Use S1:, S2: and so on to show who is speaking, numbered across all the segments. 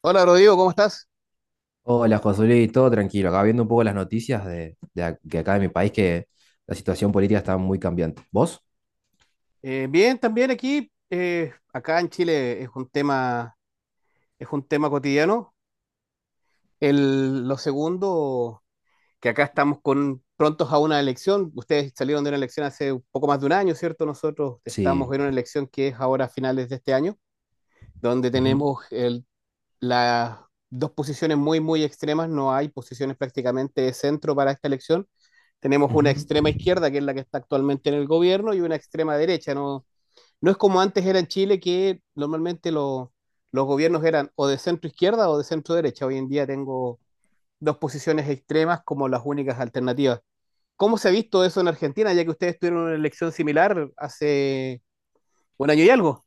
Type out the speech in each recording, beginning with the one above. S1: Hola Rodrigo, ¿cómo estás?
S2: Hola, Josué, todo tranquilo. Acá viendo un poco las noticias de acá de mi país, que la situación política está muy cambiante. ¿Vos?
S1: Bien, también aquí, acá en Chile es un tema cotidiano. Lo segundo, que acá estamos prontos a una elección. Ustedes salieron de una elección hace un poco más de un año, ¿cierto? Nosotros estamos
S2: Sí.
S1: en una elección que es ahora a finales de este año, donde
S2: Ujú,
S1: tenemos las dos posiciones muy, muy extremas. No hay posiciones prácticamente de centro para esta elección. Tenemos una
S2: ujú.
S1: extrema izquierda, que es la que está actualmente en el gobierno, y una extrema derecha, ¿no? No es como antes era en Chile, que normalmente los gobiernos eran o de centro izquierda o de centro derecha. Hoy en día tengo dos posiciones extremas como las únicas alternativas. ¿Cómo se ha visto eso en Argentina, ya que ustedes tuvieron una elección similar hace un año y algo?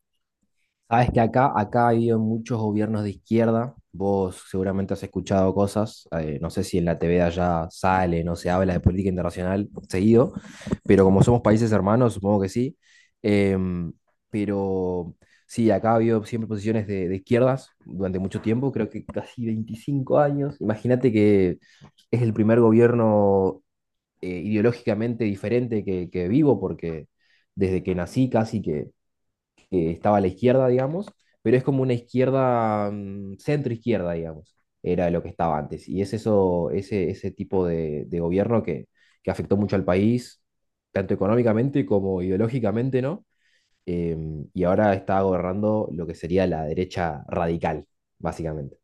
S2: Sabes que acá ha habido muchos gobiernos de izquierda. Vos seguramente has escuchado cosas. No sé si en la TV de allá sale, no se habla de política internacional seguido, pero como somos países hermanos, supongo que sí. Em, pero sí, acá ha habido siempre posiciones de izquierdas durante mucho tiempo, creo que casi 25 años. Imagínate que es el primer gobierno ideológicamente diferente que vivo, porque desde que nací casi que estaba a la izquierda, digamos, pero es como una izquierda, centro-izquierda, digamos, era lo que estaba antes. Y es eso, ese tipo de gobierno que afectó mucho al país, tanto económicamente como ideológicamente, ¿no? Y ahora está gobernando lo que sería la derecha radical, básicamente.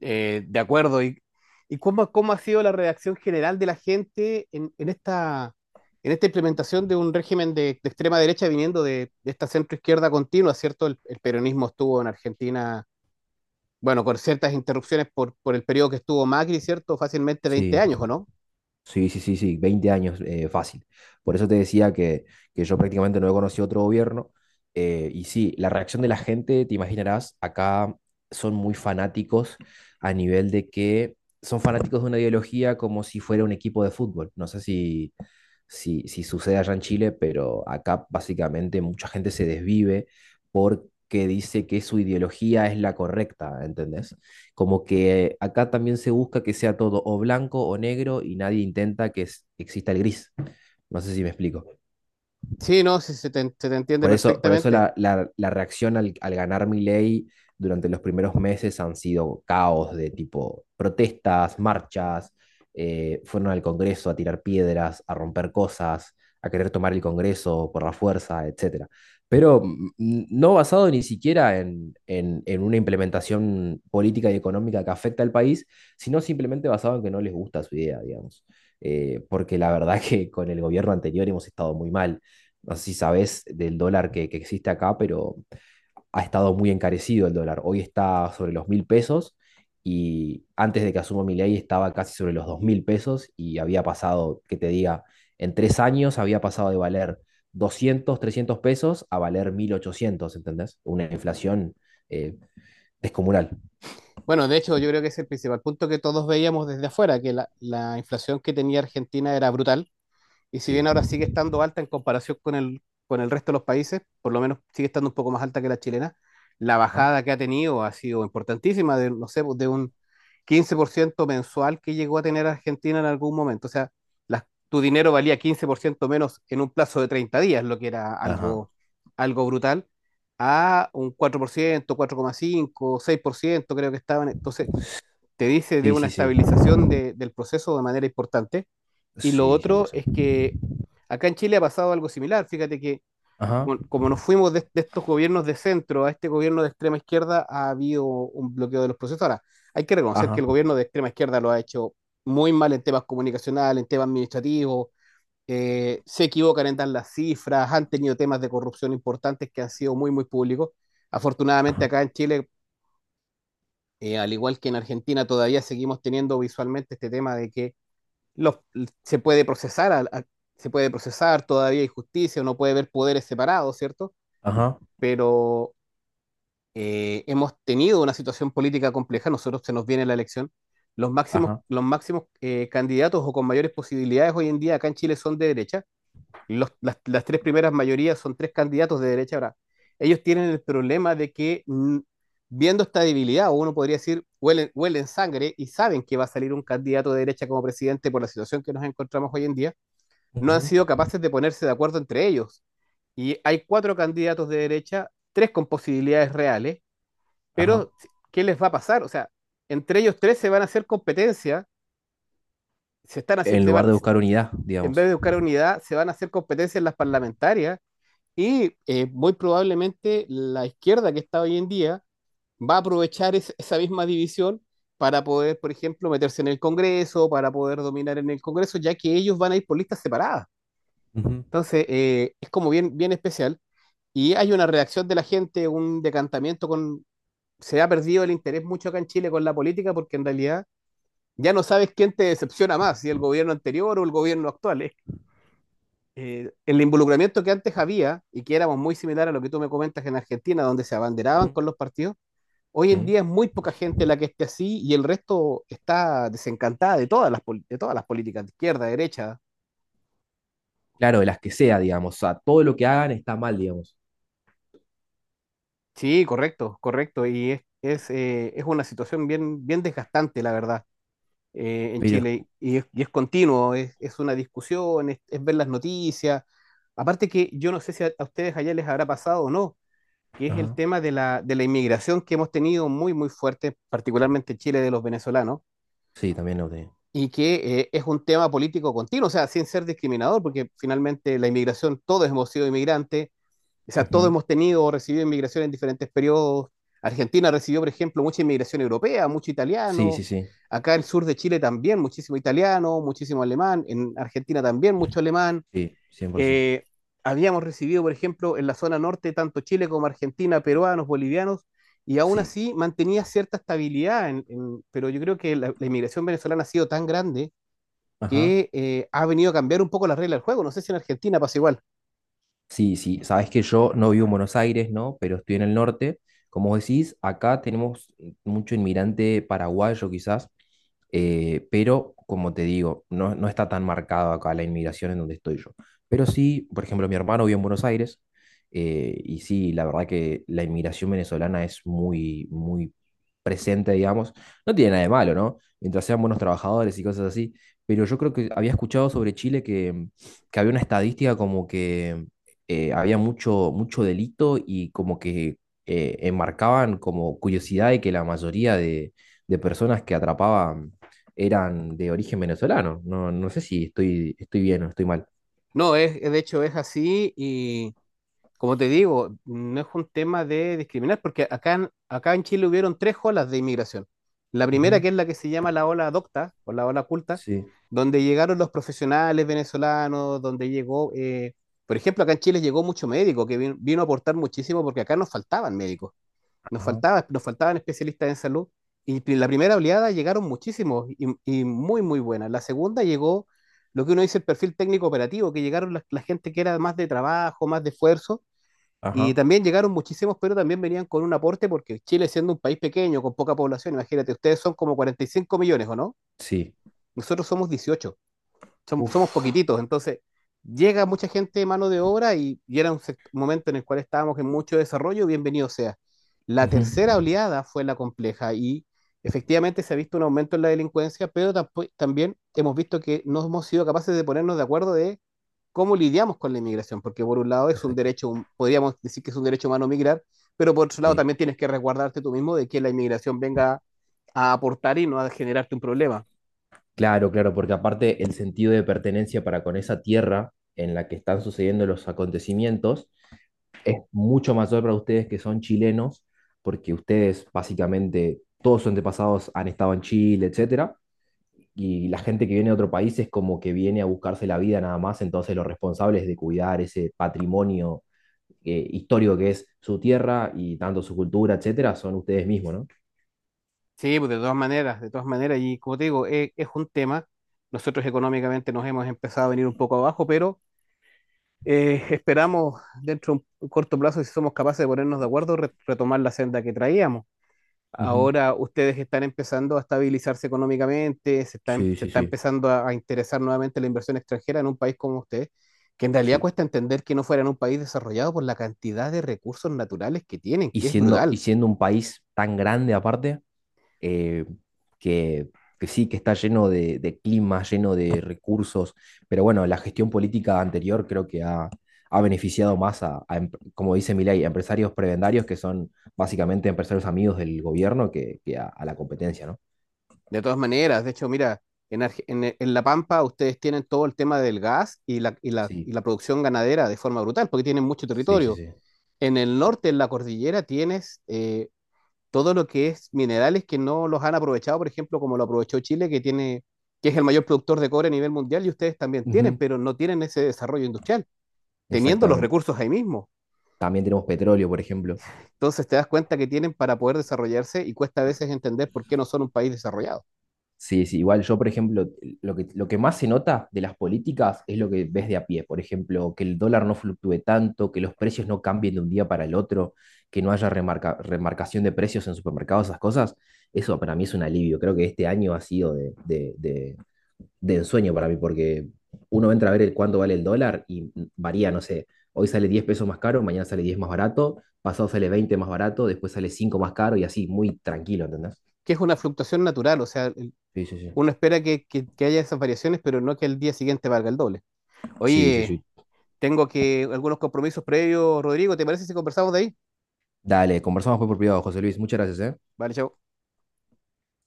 S1: De acuerdo. ¿Y cómo ha sido la reacción general de la gente en esta implementación de un régimen de extrema derecha viniendo de esta centro izquierda continua, ¿cierto? El peronismo estuvo en Argentina, bueno, con ciertas interrupciones por el periodo que estuvo Macri, ¿cierto? Fácilmente 20
S2: Sí.
S1: años, ¿o no?
S2: Sí, sí, sí, sí, 20 años fácil. Por eso te decía que yo prácticamente no he conocido otro gobierno. Y sí, la reacción de la gente, te imaginarás, acá son muy fanáticos a nivel de que son fanáticos de una ideología como si fuera un equipo de fútbol. No sé si sucede allá en Chile, pero acá básicamente mucha gente se desvive porque dice que su ideología es la correcta, ¿entendés? Como que acá también se busca que sea todo o blanco o negro y nadie intenta que exista el gris. No sé si me explico.
S1: Sí, no, sí, se te entiende
S2: Por eso
S1: perfectamente.
S2: la reacción al ganar Milei durante los primeros meses han sido caos de tipo protestas, marchas, fueron al Congreso a tirar piedras, a romper cosas, a querer tomar el Congreso por la fuerza, etcétera. Pero no basado ni siquiera en una implementación política y económica que afecta al país, sino simplemente basado en que no les gusta su idea, digamos. Porque la verdad que con el gobierno anterior hemos estado muy mal. No sé si sabes del dólar que existe acá, pero ha estado muy encarecido el dólar. Hoy está sobre los 1.000 pesos y antes de que asuma mi estaba casi sobre los 2.000 pesos y había pasado, que te diga, en 3 años había pasado de valer 200 300 pesos a valer 1.800. ¿Entendés? Una inflación eh, descomunal.
S1: Bueno, de hecho, yo creo que ese es el principal punto que todos veíamos desde afuera, que la inflación que tenía Argentina era brutal. Y si
S2: Sí.
S1: bien ahora sigue estando alta en comparación con el resto de los países, por lo menos sigue estando un poco más alta que la chilena, la
S2: Ajá.
S1: bajada que ha tenido ha sido importantísima, de, no sé, de un 15% mensual que llegó a tener Argentina en algún momento. O sea, tu dinero valía 15% menos en un plazo de 30 días, lo que era
S2: Ajá.
S1: algo brutal, a un 4%, 4,5, 6%, creo que estaban. Entonces, te dice de
S2: Sí,
S1: una
S2: sí, sí.
S1: estabilización del proceso de manera importante. Y lo
S2: Sí,
S1: otro es
S2: 100%.
S1: que acá en Chile ha pasado algo similar. Fíjate que
S2: Ajá.
S1: como nos fuimos de estos gobiernos de centro a este gobierno de extrema izquierda, ha habido un bloqueo de los procesos. Ahora, hay que reconocer que
S2: Ajá.
S1: el gobierno de extrema izquierda lo ha hecho muy mal en temas comunicacionales, en temas administrativos, se equivocan en dar las cifras, han tenido temas de corrupción importantes que han sido muy, muy públicos. Afortunadamente
S2: Ajá.
S1: acá en Chile, al igual que en Argentina, todavía seguimos teniendo visualmente este tema de que los, se puede procesar, a- se puede procesar todavía injusticia, uno puede ver poderes separados, ¿cierto?
S2: Ajá.
S1: Pero hemos tenido una situación política compleja, nosotros se nos viene la elección. Los máximos,
S2: Ajá.
S1: los máximos candidatos o con mayores posibilidades hoy en día acá en Chile son de derecha. Las tres primeras mayorías son tres candidatos de derecha. Ahora, ellos tienen el problema de que, viendo esta debilidad, uno podría decir, huelen, huelen sangre y saben que va a salir un candidato de derecha como presidente por la situación que nos encontramos hoy en día. No han
S2: Ujú.
S1: sido capaces de ponerse de acuerdo entre ellos. Y hay cuatro candidatos de derecha, tres con posibilidades reales,
S2: Ajá.
S1: pero ¿qué les va a pasar? O sea, entre ellos tres se van a hacer competencia, se están así,
S2: En lugar de buscar unidad,
S1: en vez
S2: digamos.
S1: de buscar unidad, se van a hacer competencia en las parlamentarias y muy probablemente la izquierda que está hoy en día va a aprovechar esa misma división para poder, por ejemplo, meterse en el Congreso, para poder dominar en el Congreso, ya que ellos van a ir por listas separadas.
S2: Ujú,
S1: Entonces, es como bien, bien especial. Y hay una reacción de la gente, un decantamiento con. Se ha perdido el interés mucho acá en Chile con la política, porque en realidad ya no sabes quién te decepciona más, si el gobierno anterior o el gobierno actual. ¿Eh? El involucramiento que antes había y que éramos muy similar a lo que tú me comentas en Argentina, donde se abanderaban
S2: ujú.
S1: con los partidos, hoy en
S2: ¿Sí?
S1: día es muy poca gente la que esté así, y el resto está desencantada de de todas las políticas, de izquierda, derecha.
S2: Claro, de las que sea, digamos. O sea, todo lo que hagan está mal, digamos.
S1: Sí, correcto, correcto. Y es una situación bien, bien desgastante, la verdad, en
S2: Pero
S1: Chile.
S2: es-
S1: Y es continuo, es una discusión, es ver las noticias. Aparte, que yo no sé si a ustedes allá les habrá pasado o no, que es el
S2: Ajá.
S1: tema de de la inmigración, que hemos tenido muy, muy fuerte, particularmente en Chile, de los venezolanos,
S2: Sí, también lo tenía.
S1: y que es un tema político continuo. O sea, sin ser discriminador, porque finalmente la inmigración, todos hemos sido inmigrantes, o sea, todos
S2: Ujú.
S1: hemos tenido o recibido inmigración en diferentes periodos. Argentina recibió, por ejemplo, mucha inmigración europea, mucho
S2: Sí,
S1: italiano.
S2: sí, sí.
S1: Acá en el sur de Chile también, muchísimo italiano, muchísimo alemán. En Argentina también, mucho alemán.
S2: Sí, 100%.
S1: Eh, Habíamos recibido, por ejemplo, en la zona norte, tanto Chile como Argentina, peruanos, bolivianos, y aún
S2: Sí.
S1: así mantenía cierta estabilidad. Pero yo creo que inmigración venezolana ha sido tan grande
S2: Ajá.
S1: que ha venido a cambiar un poco las reglas del juego. No sé si en Argentina pasa igual.
S2: Sí, sí, sabes que yo no vivo en Buenos Aires, ¿no? Pero estoy en el norte. Como vos decís, acá tenemos mucho inmigrante paraguayo quizás, pero como te digo, no, no está tan marcado acá la inmigración en donde estoy yo. Pero sí, por ejemplo, mi hermano vive en Buenos Aires, y sí, la verdad que la inmigración venezolana es muy, muy presente, digamos, no tiene nada de malo, ¿no? Mientras sean buenos trabajadores y cosas así. Pero yo creo que había escuchado sobre Chile que había una estadística como que había mucho, mucho delito y como que enmarcaban como curiosidad de que la mayoría de personas que atrapaban eran de origen venezolano. No, no sé si estoy bien o estoy mal.
S1: No, de hecho es así. Y como te digo, no es un tema de discriminar, porque acá en Chile hubieron tres olas de inmigración. La primera,
S2: Ujú.
S1: que es la que se llama la ola docta o la ola culta,
S2: Sí,
S1: donde llegaron los profesionales venezolanos, donde llegó, por ejemplo, acá en Chile llegó mucho médico, que vino a aportar muchísimo, porque acá nos faltaban médicos,
S2: ajá,
S1: nos faltaban especialistas en salud, y la primera oleada llegaron muchísimos y muy, muy buenas. La segunda llegó lo que uno dice el perfil técnico operativo, que llegaron la gente que era más de trabajo, más de esfuerzo, y
S2: ajá,
S1: también llegaron muchísimos, pero también venían con un aporte, porque Chile, siendo un país pequeño, con poca población, imagínate, ustedes son como 45 millones, ¿o no?
S2: sí.
S1: Nosotros somos 18, somos
S2: Uf.
S1: poquititos, entonces llega mucha gente de mano de obra y era un momento en el cual estábamos en mucho desarrollo, bienvenido sea. La
S2: Ujú.
S1: tercera oleada fue la compleja, y efectivamente se ha visto un aumento en la delincuencia, pero también hemos visto que no hemos sido capaces de ponernos de acuerdo de cómo lidiamos con la inmigración, porque por un lado es un
S2: Exacto.
S1: derecho, podríamos decir que es un derecho humano migrar, pero por otro lado
S2: Sí.
S1: también tienes que resguardarte tú mismo de que la inmigración venga a aportar y no a generarte un problema.
S2: Claro, claro, porque aparte el sentido de pertenencia para con esa tierra en la que están sucediendo los acontecimientos, mucho mayor para ustedes que son chilenos, porque ustedes básicamente todos sus antepasados han estado en Chile, etcétera, y la gente que viene de otro país es como que viene a buscarse la vida nada más, entonces los responsables de cuidar ese patrimonio histórico que es su tierra y tanto su cultura, etcétera, son ustedes mismos, ¿no?
S1: Sí, pues de todas maneras, y como te digo, es un tema. Nosotros económicamente nos hemos empezado a venir un poco abajo, pero esperamos dentro de un corto plazo, si somos capaces de ponernos de acuerdo, retomar la senda que traíamos.
S2: Ujú.
S1: Ahora ustedes están empezando a estabilizarse económicamente,
S2: Sí,
S1: se
S2: sí,
S1: está
S2: sí,
S1: empezando a interesar nuevamente la inversión extranjera en un país como ustedes, que en realidad
S2: sí.
S1: cuesta entender que no fueran un país desarrollado por la cantidad de recursos naturales que tienen,
S2: y
S1: que es
S2: siendo, y
S1: brutal.
S2: siendo un país tan grande aparte, eh, que, que sí, que está lleno de clima, lleno de recursos, pero bueno, la gestión política anterior creo que ha beneficiado más a, a como dice Milei, a empresarios prebendarios que son básicamente empresarios amigos del gobierno que a la competencia, ¿no?
S1: De todas maneras, de hecho, mira, en La Pampa ustedes tienen todo el tema del gas y
S2: Sí,
S1: la producción ganadera de forma brutal, porque tienen mucho
S2: sí, sí,
S1: territorio.
S2: sí.
S1: En el norte, en la cordillera, tienes todo lo que es minerales que no los han aprovechado, por ejemplo, como lo aprovechó Chile, que es el mayor productor de cobre a nivel mundial, y ustedes también tienen,
S2: Ujú.
S1: pero no tienen ese desarrollo industrial, teniendo los
S2: Exactamente.
S1: recursos ahí mismo.
S2: También tenemos petróleo, por ejemplo.
S1: Entonces te das cuenta que tienen para poder desarrollarse, y cuesta a veces entender por qué no son un país desarrollado,
S2: Sí, sí, igual yo, por ejemplo, lo que más se nota de las políticas es lo que ves de a pie. Por ejemplo, que el dólar no fluctúe tanto, que los precios no cambien de un día para el otro, que no haya remarcación de precios en supermercados, esas cosas. Eso para mí es un alivio. Creo que este año ha sido de ensueño para mí, porque uno entra a ver el cuánto vale el dólar y varía, no sé, hoy sale 10 pesos más caro, mañana sale 10 más barato, pasado sale 20 más barato, después sale 5 más caro y así, muy tranquilo, ¿entendés?
S1: que es una fluctuación natural. O sea,
S2: Sí, sí, sí.
S1: uno espera que haya esas variaciones, pero no que el día siguiente valga el doble.
S2: Sí, sí,
S1: Oye,
S2: sí,
S1: tengo que algunos compromisos previos, Rodrigo, ¿te parece si conversamos de ahí?
S2: Dale, conversamos pues por privado, José Luis. Muchas gracias, ¿eh?
S1: Vale, chao.